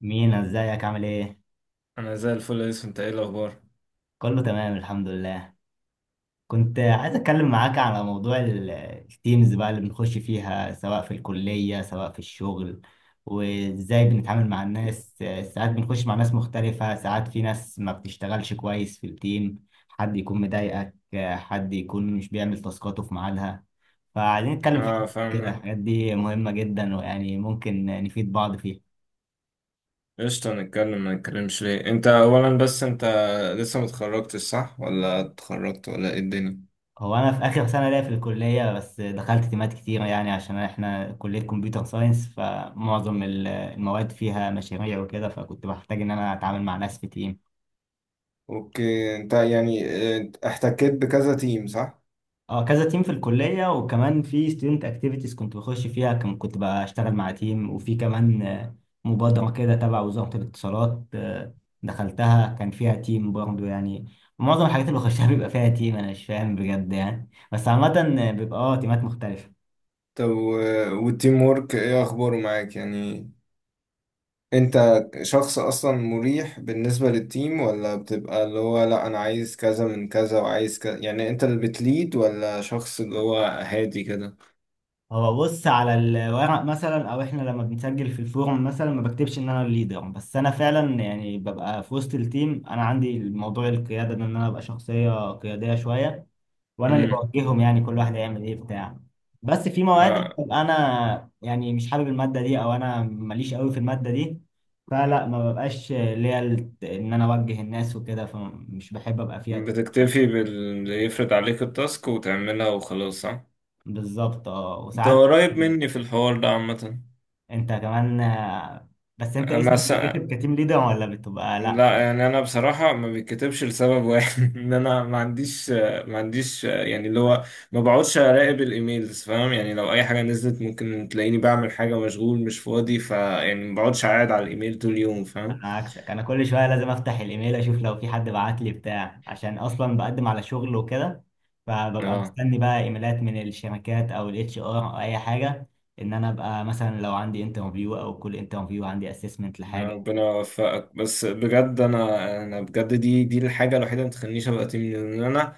مينا ازيك عامل ايه؟ انا زي الفل يا يوسف. انت ايه الاخبار؟ كله تمام الحمد لله. كنت عايز اتكلم معاك على موضوع التيمز بقى اللي بنخش فيها، سواء في الكلية سواء في الشغل، وازاي بنتعامل مع الناس. ساعات بنخش مع ناس مختلفة، ساعات في ناس ما بتشتغلش كويس في التيم، حد يكون مضايقك، حد يكون مش بيعمل تاسكاته في ميعادها. فعايزين نتكلم في حاجة اه كده، فاهمك. الحاجات دي مهمة جدا ويعني ممكن نفيد بعض فيها. قشطة، نتكلم ما نتكلمش ليه. انت اولا، بس انت لسه متخرجتش، صح؟ ولا اتخرجت ولا ايه الدنيا؟ هو انا في اخر سنه ليا في الكليه، بس دخلت تيمات كتير يعني، عشان احنا كليه كمبيوتر ساينس فمعظم المواد فيها مشاريع وكده، فكنت بحتاج ان انا اتعامل مع ناس في تيم. اوكي، انت يعني اه، احتكيت بكذا تيم، صح؟ اه، كذا تيم في الكليه، وكمان في ستودنت اكتيفيتيز كنت بخش فيها، كنت بقى اشتغل مع تيم، وفي كمان مبادره كده تبع وزاره الاتصالات، دخلتها كان فيها تيم برضه يعني. معظم الحاجات اللي بخشها بيبقى فيها تيم، انا مش فاهم بجد يعني، بس عامه بيبقى اه تيمات مختلفه. طب، والتيم وورك ايه اخباره معاك يعني؟ انت شخص اصلا مريح بالنسبة للتيم، ولا بتبقى اللي هو لا انا عايز كذا من كذا وعايز كذا؟ يعني انت اللي بتليد ولا شخص اللي هو هادي كده؟ هو بص، على الورق مثلا او احنا لما بنسجل في الفورم مثلا ما بكتبش ان انا الليدر، بس انا فعلا يعني ببقى في وسط التيم، انا عندي الموضوع القياده ده، ان انا ابقى شخصيه قياديه شويه وانا اللي امم. بوجههم يعني، كل واحد هيعمل ايه بتاع. بس في مواد ببقى انا يعني مش حابب الماده دي او انا ماليش قوي في الماده دي، فلا ما ببقاش ليا ان انا اوجه الناس وكده، فمش بحب ابقى فيها تيم. بتكتفي باللي يفرض عليك التاسك وتعملها وخلاص، صح؟ بالظبط اه، انت وساعات قريب مني في الحوار ده عامة. انت كمان بس انت انا اسمك س... بيتكتب كتيم ليدر ولا بتبقى لا؟ لا، يعني انا بصراحة ما بيتكتبش لسبب واحد ان انا ما عنديش. يعني اللي هو ما بقعدش اراقب الايميلز، فاهم؟ يعني لو اي حاجة نزلت ممكن تلاقيني بعمل حاجة، مشغول مش فاضي، فيعني ما بقعدش قاعد على الايميل طول اليوم، فاهم؟ انا عكسك، انا كل شويه لازم افتح الايميل اشوف لو في حد بعت لي بتاع، عشان اصلا بقدم على شغل وكده، فببقى اه، مستني بقى ايميلات من الشركات او الاتش ار او اي حاجه، ان انا ابقى مثلا لو عندي انترفيو، او كل انترفيو عندي اسسمنت يا لحاجه. ربنا يوفقك. بس بجد، انا بجد دي الحاجة الوحيدة اللي ما تخلينيش ابقى تيم ليدر. ان انا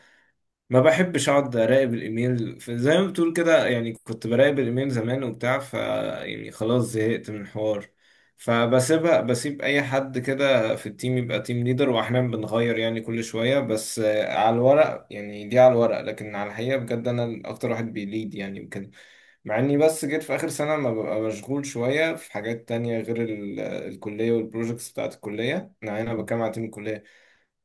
ما بحبش اقعد اراقب الايميل زي ما بتقول كده. يعني كنت براقب الايميل زمان وبتاع، ف يعني خلاص زهقت من الحوار. فبسيبها، بسيب اي حد كده في التيم يبقى تيم ليدر، واحنا بنغير يعني كل شوية. بس على الورق، يعني دي على الورق، لكن على الحقيقة بجد انا اكتر واحد بيليد يعني وكده. مع اني بس جيت في اخر سنة ما ببقى مشغول شوية في حاجات تانية غير الكلية والبروجكتس بتاعت الكلية. انا هنا بتكلم على تيم الكلية.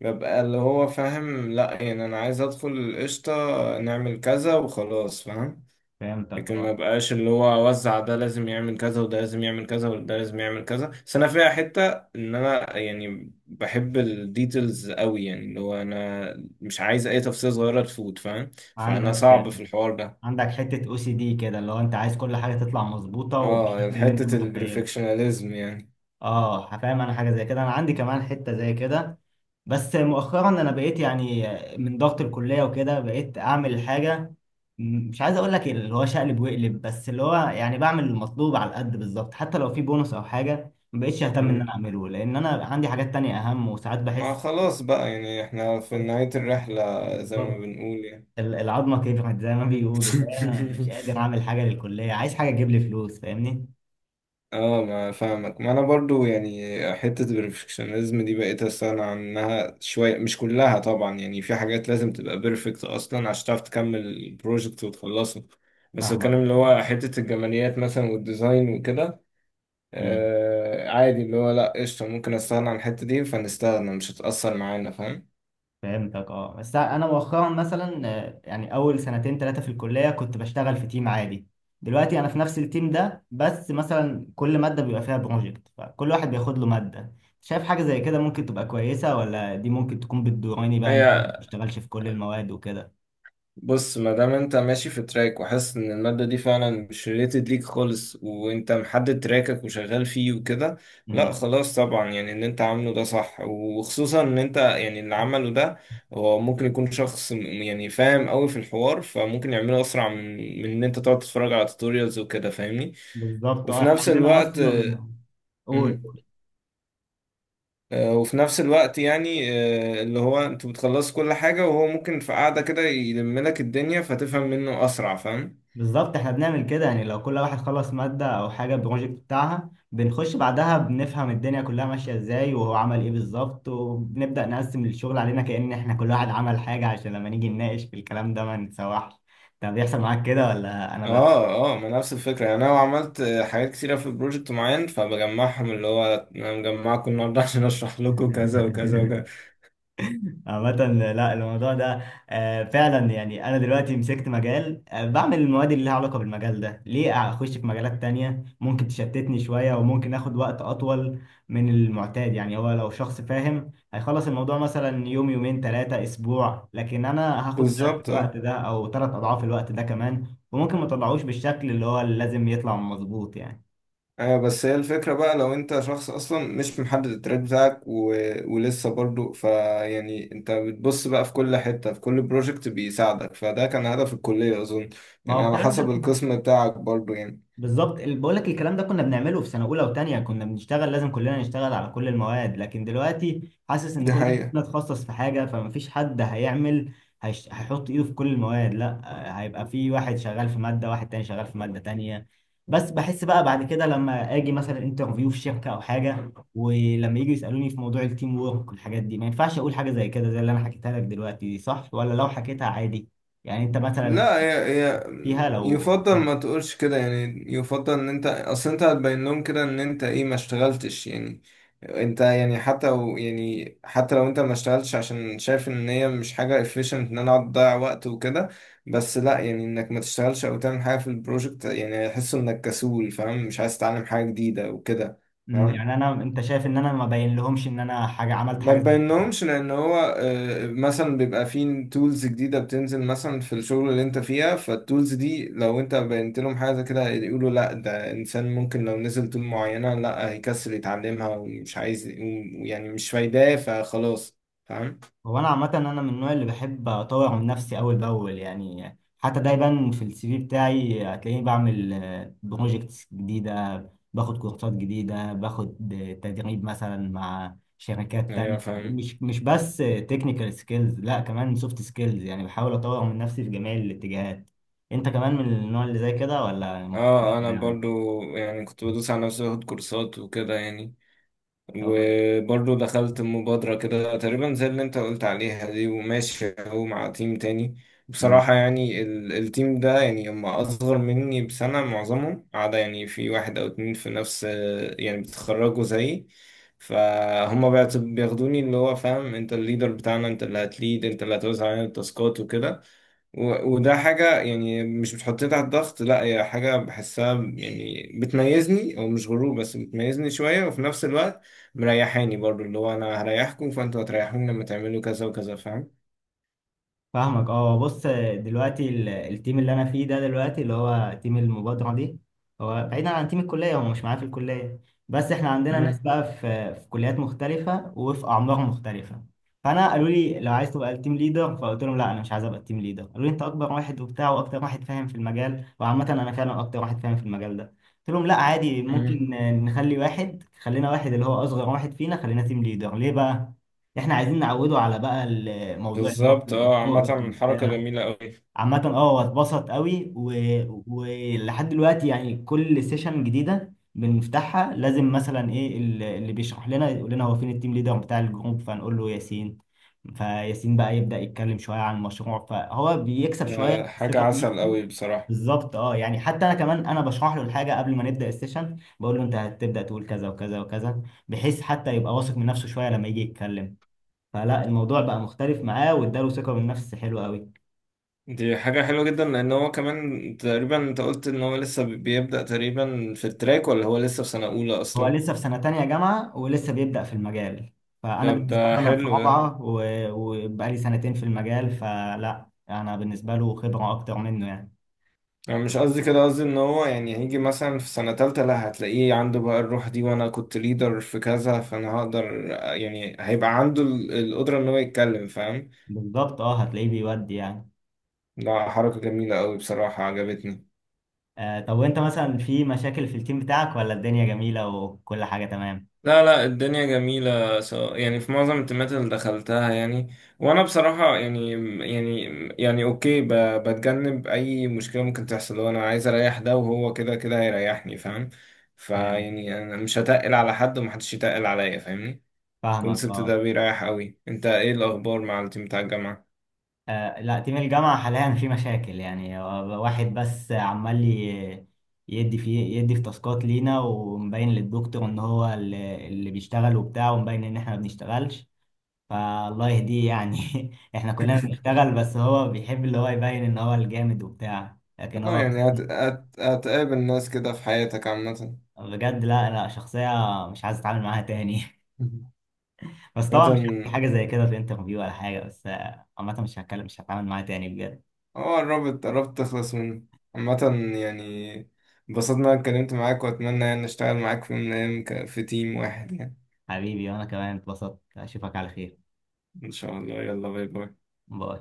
ببقى اللي هو فاهم، لا يعني انا عايز ادخل القشطة، نعمل كذا وخلاص، فاهم؟ فهمتك لكن اه. ما بقاش اللي هو اوزع، ده لازم يعمل كذا وده لازم يعمل كذا وده لازم يعمل كذا. بس انا فيها حتة ان انا يعني بحب الديتيلز قوي، يعني اللي هو انا مش عايز اي تفصيلة صغيرة تفوت، فاهم؟ فانا عندك، صعب في الحوار ده. عندك حته او سي دي كده اللي هو انت عايز كل حاجه تطلع مظبوطه اه، وبالشكل اللي انت حتة متخيله. البرفكشناليزم يعني. اه فاهم، انا حاجه زي كده، انا عندي كمان حته زي كده، بس مؤخرا انا بقيت يعني من ضغط الكليه وكده بقيت اعمل حاجه، مش عايز اقول لك اللي هو شقلب وقلب، بس اللي هو يعني بعمل المطلوب على القد بالظبط، حتى لو في بونص او حاجه ما بقتش اهتم ان انا مم. اعمله، لان انا عندي حاجات تانية اهم، وساعات ما بحس خلاص بقى، يعني احنا في نهاية الرحلة زي ما بالظبط بنقول يعني. العظمه كبرت زي ما بيقولوا، فانا مش قادر اعمل حاجه للكليه، عايز حاجه تجيب لي فلوس فاهمني. اه، ما فاهمك. ما انا برضو يعني حتة البرفكشنزم دي بقيت استغنى عنها شوية، مش كلها طبعا. يعني في حاجات لازم تبقى بيرفكت اصلا عشان تعرف تكمل البروجكت وتخلصه. بس فاهمك. الكلام اللي هو حتة الجماليات مثلا والديزاين وكده، آه عادي اللي هو لا قشطة، ممكن استغنى عن الحتة دي، فنستغنى مش هتأثر معانا، فاهم؟ فهمتك اه. بس انا مؤخرا مثلا يعني اول سنتين ثلاثه في الكليه كنت بشتغل في تيم عادي. دلوقتي انا في نفس التيم ده، بس مثلا كل ماده بيبقى فيها بروجكت، فكل واحد بياخد له ماده. شايف حاجه زي كده ممكن تبقى كويسه، ولا دي ممكن تكون بتضرني بقى إن أنا ما هي بشتغلش في كل المواد وكده؟ بص، ما دام انت ماشي في تراك وحاسس ان المادة دي فعلا مش ريليتد ليك خالص، وانت محدد تراكك وشغال فيه وكده، لا امم، خلاص طبعا. يعني اللي انت عامله ده صح، وخصوصا ان انت يعني اللي عمله ده هو ممكن يكون شخص يعني فاهم قوي في الحوار، فممكن يعمله اسرع من ان انت تقعد تتفرج على توتوريالز وكده، فاهمني؟ بالظبط اه. وفي احنا نفس عندنا الوقت اصلا، قول. مم. آه، وفي نفس الوقت يعني آه، اللي هو انتوا بتخلصوا كل حاجة، وهو ممكن في قعدة كده يلم لك الدنيا فتفهم منه اسرع، فاهم؟ بالظبط، احنا بنعمل كده يعني، لو كل واحد خلص مادة او حاجة بروجكت بتاعها بنخش بعدها، بنفهم الدنيا كلها ماشية ازاي وهو عمل ايه بالظبط، وبنبدأ نقسم الشغل علينا، كأن احنا كل واحد عمل حاجة عشان لما نيجي نناقش في الكلام ده ما نتسوحش. طب بيحصل معاك كده ولا انا بس؟ اه، اه، ما نفس الفكرة، يعني انا عملت حاجات كتيرة في بروجكت معين، فبجمعهم اللي هو انا مجمعكم النهاردة عشان اشرح لكم كذا وكذا وكذا. عامة، لا الموضوع ده فعلا يعني أنا دلوقتي مسكت مجال، بعمل المواد اللي لها علاقة بالمجال ده، ليه أخش في مجالات تانية ممكن تشتتني شوية وممكن آخد وقت أطول من المعتاد يعني. هو لو شخص فاهم هيخلص الموضوع مثلا يوم يومين ثلاثة أسبوع، لكن أنا هاخد ضعف بالظبط اه. الوقت ده أو ثلاث أضعاف الوقت ده كمان، وممكن ما طلعوش بالشكل اللي هو اللي لازم يطلع مظبوط يعني. ايوه، بس هي الفكرة بقى لو انت شخص اصلا مش محدد التراك بتاعك ولسه برضو، فيعني انت بتبص بقى في كل حتة في كل بروجكت بيساعدك، فده كان هدف الكلية اظن. ما يعني هو على الكلام حسب ده القسم بتاعك برضو يعني. بالظبط، بقول لك الكلام ده كنا بنعمله في سنه اولى وثانيه، كنا بنشتغل لازم كلنا نشتغل على كل المواد، لكن دلوقتي حاسس ان دي كل واحد حقيقة. فينا اتخصص في حاجه، فمفيش حد هيعمل، هيحط ايده في كل المواد، لا هيبقى في واحد شغال في ماده، واحد تاني شغال في ماده تانيه. بس بحس بقى بعد كده لما اجي مثلا انترفيو في شركه او حاجه، ولما يجي يسالوني في موضوع التيم وورك والحاجات دي، ما ينفعش اقول حاجه زي كده زي اللي انا حكيتها لك دلوقتي دي، صح ولا لو حكيتها عادي؟ يعني انت مثلا لا، فيها لو، يفضل ما تقولش كده، يعني يفضل ان انت اصل انت هتبين لهم كده ان انت ايه، ما اشتغلتش يعني. انت يعني حتى يعني حتى لو انت ما اشتغلتش عشان شايف ان هي مش حاجة efficient، ان انا اقعد اضيع وقت وكده، بس لا يعني انك ما تشتغلش او تعمل حاجة في البروجكت يعني هيحسوا انك كسول، فاهم؟ مش عايز تتعلم حاجة جديدة وكده، مم، يعني فاهم؟ انا انت شايف ان انا ما باين لهمش ان انا حاجه عملت ما حاجه زي كده؟ تبينهمش، لان هو مثلا بيبقى فيه تولز جديده بتنزل مثلا في الشغل اللي انت فيها، فالتولز دي لو انت بينت لهم حاجه زي كده يقولوا لا ده انسان ممكن لو نزل تول معينه لا هيكسل يتعلمها ومش عايز، يعني مش فايداه فخلاص، فاهم؟ هو انا عامه انا من النوع اللي بحب اطور من نفسي اول باول يعني، حتى دايما في السي في بتاعي هتلاقيني بعمل بروجكتس جديده، باخد كورسات جديده، باخد تدريب مثلا مع شركات ايوه تانية، فاهم. مش بس تكنيكال سكيلز، لا كمان سوفت سكيلز، يعني بحاول اطور من نفسي في جميع الاتجاهات. انت كمان من النوع اللي زي كده ولا اه، مختلف انا يعني؟ برضو يعني كنت بدوس على نفسي باخد كورسات وكده يعني. طب. وبرضه دخلت مبادرة كده تقريبا زي اللي انت قلت عليها دي، وماشي اهو مع تيم تاني. مم. بصراحة، يعني التيم ده يعني هم أصغر مني بسنة معظمهم، عدا يعني في واحد أو اتنين في نفس، يعني بيتخرجوا زيي. فهم بياخدوني اللي هو فاهم، انت الليدر بتاعنا، انت اللي هتليد، انت اللي هتوزع علينا التاسكات وكده. وده حاجة يعني مش بتحطني تحت ضغط، لا هي حاجة بحسها يعني بتميزني، أو مش غرور بس بتميزني شوية. وفي نفس الوقت مريحاني برضو، اللي هو أنا هريحكم فأنتوا هتريحوني لما تعملوا كذا وكذا، فاهم؟ فاهمك اه. بص، دلوقتي التيم اللي انا فيه ده دلوقتي اللي هو تيم المبادرة دي، هو بعيدا عن تيم الكلية، هو مش معايا في الكلية، بس احنا عندنا ناس مم. بقى في كليات مختلفة وفي أعمار مختلفة. فانا قالوا لي لو عايز تبقى التيم ليدر، فقلت لهم لا انا مش عايز ابقى التيم ليدر. قالوا لي انت اكبر واحد وبتاع واكتر واحد فاهم في المجال، وعامة انا فعلا اكتر واحد فاهم في المجال ده. قلت لهم لا عادي، ممكن مم. نخلي واحد، خلينا واحد اللي هو اصغر واحد فينا خلينا تيم ليدر، ليه بقى؟ احنا عايزين نعوده على بقى الموضوع ان هو بالظبط اه، بيبقى قائد عامة حركة وبتاع. جميلة أوي. عامة اه، هو اتبسط قوي ولحد دلوقتي يعني كل سيشن جديدة بنفتحها لازم مثلا ايه اللي بيشرح لنا يقول لنا هو فين التيم ليدر بتاع الجروب، فنقول له ياسين. فياسين بقى يبدأ يتكلم شوية عن المشروع، فهو بيكسب شوية ده حاجة ثقة في عسل نفسه. أوي بصراحة. بالظبط اه، يعني حتى انا كمان انا بشرح له الحاجة قبل ما نبدأ السيشن، بقول له انت هتبدأ تقول كذا وكذا وكذا، بحيث حتى يبقى واثق من نفسه شوية لما يجي يتكلم. فلا الموضوع بقى مختلف معاه، واداله ثقة بالنفس حلوة قوي. دي حاجة حلوة جدا، لأن هو كمان تقريبا أنت قلت إن هو لسه بيبدأ تقريبا في التراك، ولا هو لسه في سنة أولى هو أصلا؟ لسه في سنة تانية جامعة ولسه بيبدأ في المجال، فأنا طب بالنسبة ده لي أنا في حلو. رابعة وبقالي سنتين في المجال، فلا أنا بالنسبة له خبرة أكتر منه يعني. انا مش قصدي كده، قصدي ان هو يعني هيجي مثلا في سنة تالتة لا هتلاقيه عنده بقى الروح دي، وانا كنت ليدر في كذا فانا هقدر، يعني هيبقى عنده القدرة ان هو يتكلم، فاهم؟ بالظبط أه، هتلاقيه بيودي يعني. ده حركة جميلة قوي بصراحة، عجبتني. آه طب، وأنت مثلا في مشاكل في التيم بتاعك، ولا الدنيا جميلة وكل حاجة تمام؟ لا، لا، الدنيا جميلة، سواء يعني في معظم التيمات اللي دخلتها يعني. وانا بصراحة يعني، يعني اوكي بتجنب اي مشكلة ممكن تحصل، وانا عايز اريح ده وهو كده كده هيريحني، فاهم؟ فاهم. فيعني انا مش هتقل على حد ومحدش يتقل عليا، فاهمني؟ فاهمك الكونسبت ده أه. بيريح قوي. انت ايه الاخبار مع التيم بتاع الجامعه؟ لا تيم الجامعة حاليا في مشاكل، يعني هو واحد بس عمال يدي في، يدي في تاسكات لينا، ومبين للدكتور ان هو اللي بيشتغل وبتاع، ومبين ان احنا ما بنشتغلش. فالله يهديه يعني، احنا كلنا بنشتغل، بس هو بيحب اللي هو يبين ان هو الجامد وبتاع، لكن اه، هو يعني أصلاً هتقابل ناس كده في حياتك عامه. بجد، لا شخصية مش عايز اتعامل معاها تاني. مهم. بس طبعا مش هحكي عامه حاجة زي كده في انترفيو ولا حاجة، بس عامة مش هتكلم، مش هتعامل معاها تاني بجد. اه، قربت قربت تخلص منه. عامه يعني، انبسطت ان انا اتكلمت معاك، واتمنى يعني اشتغل معاك في يوم من الايام في تيم واحد يعني. حبيبي، وانا كمان اتبسطت. اشوفك على خير. ان شاء الله، يلا باي باي. باي.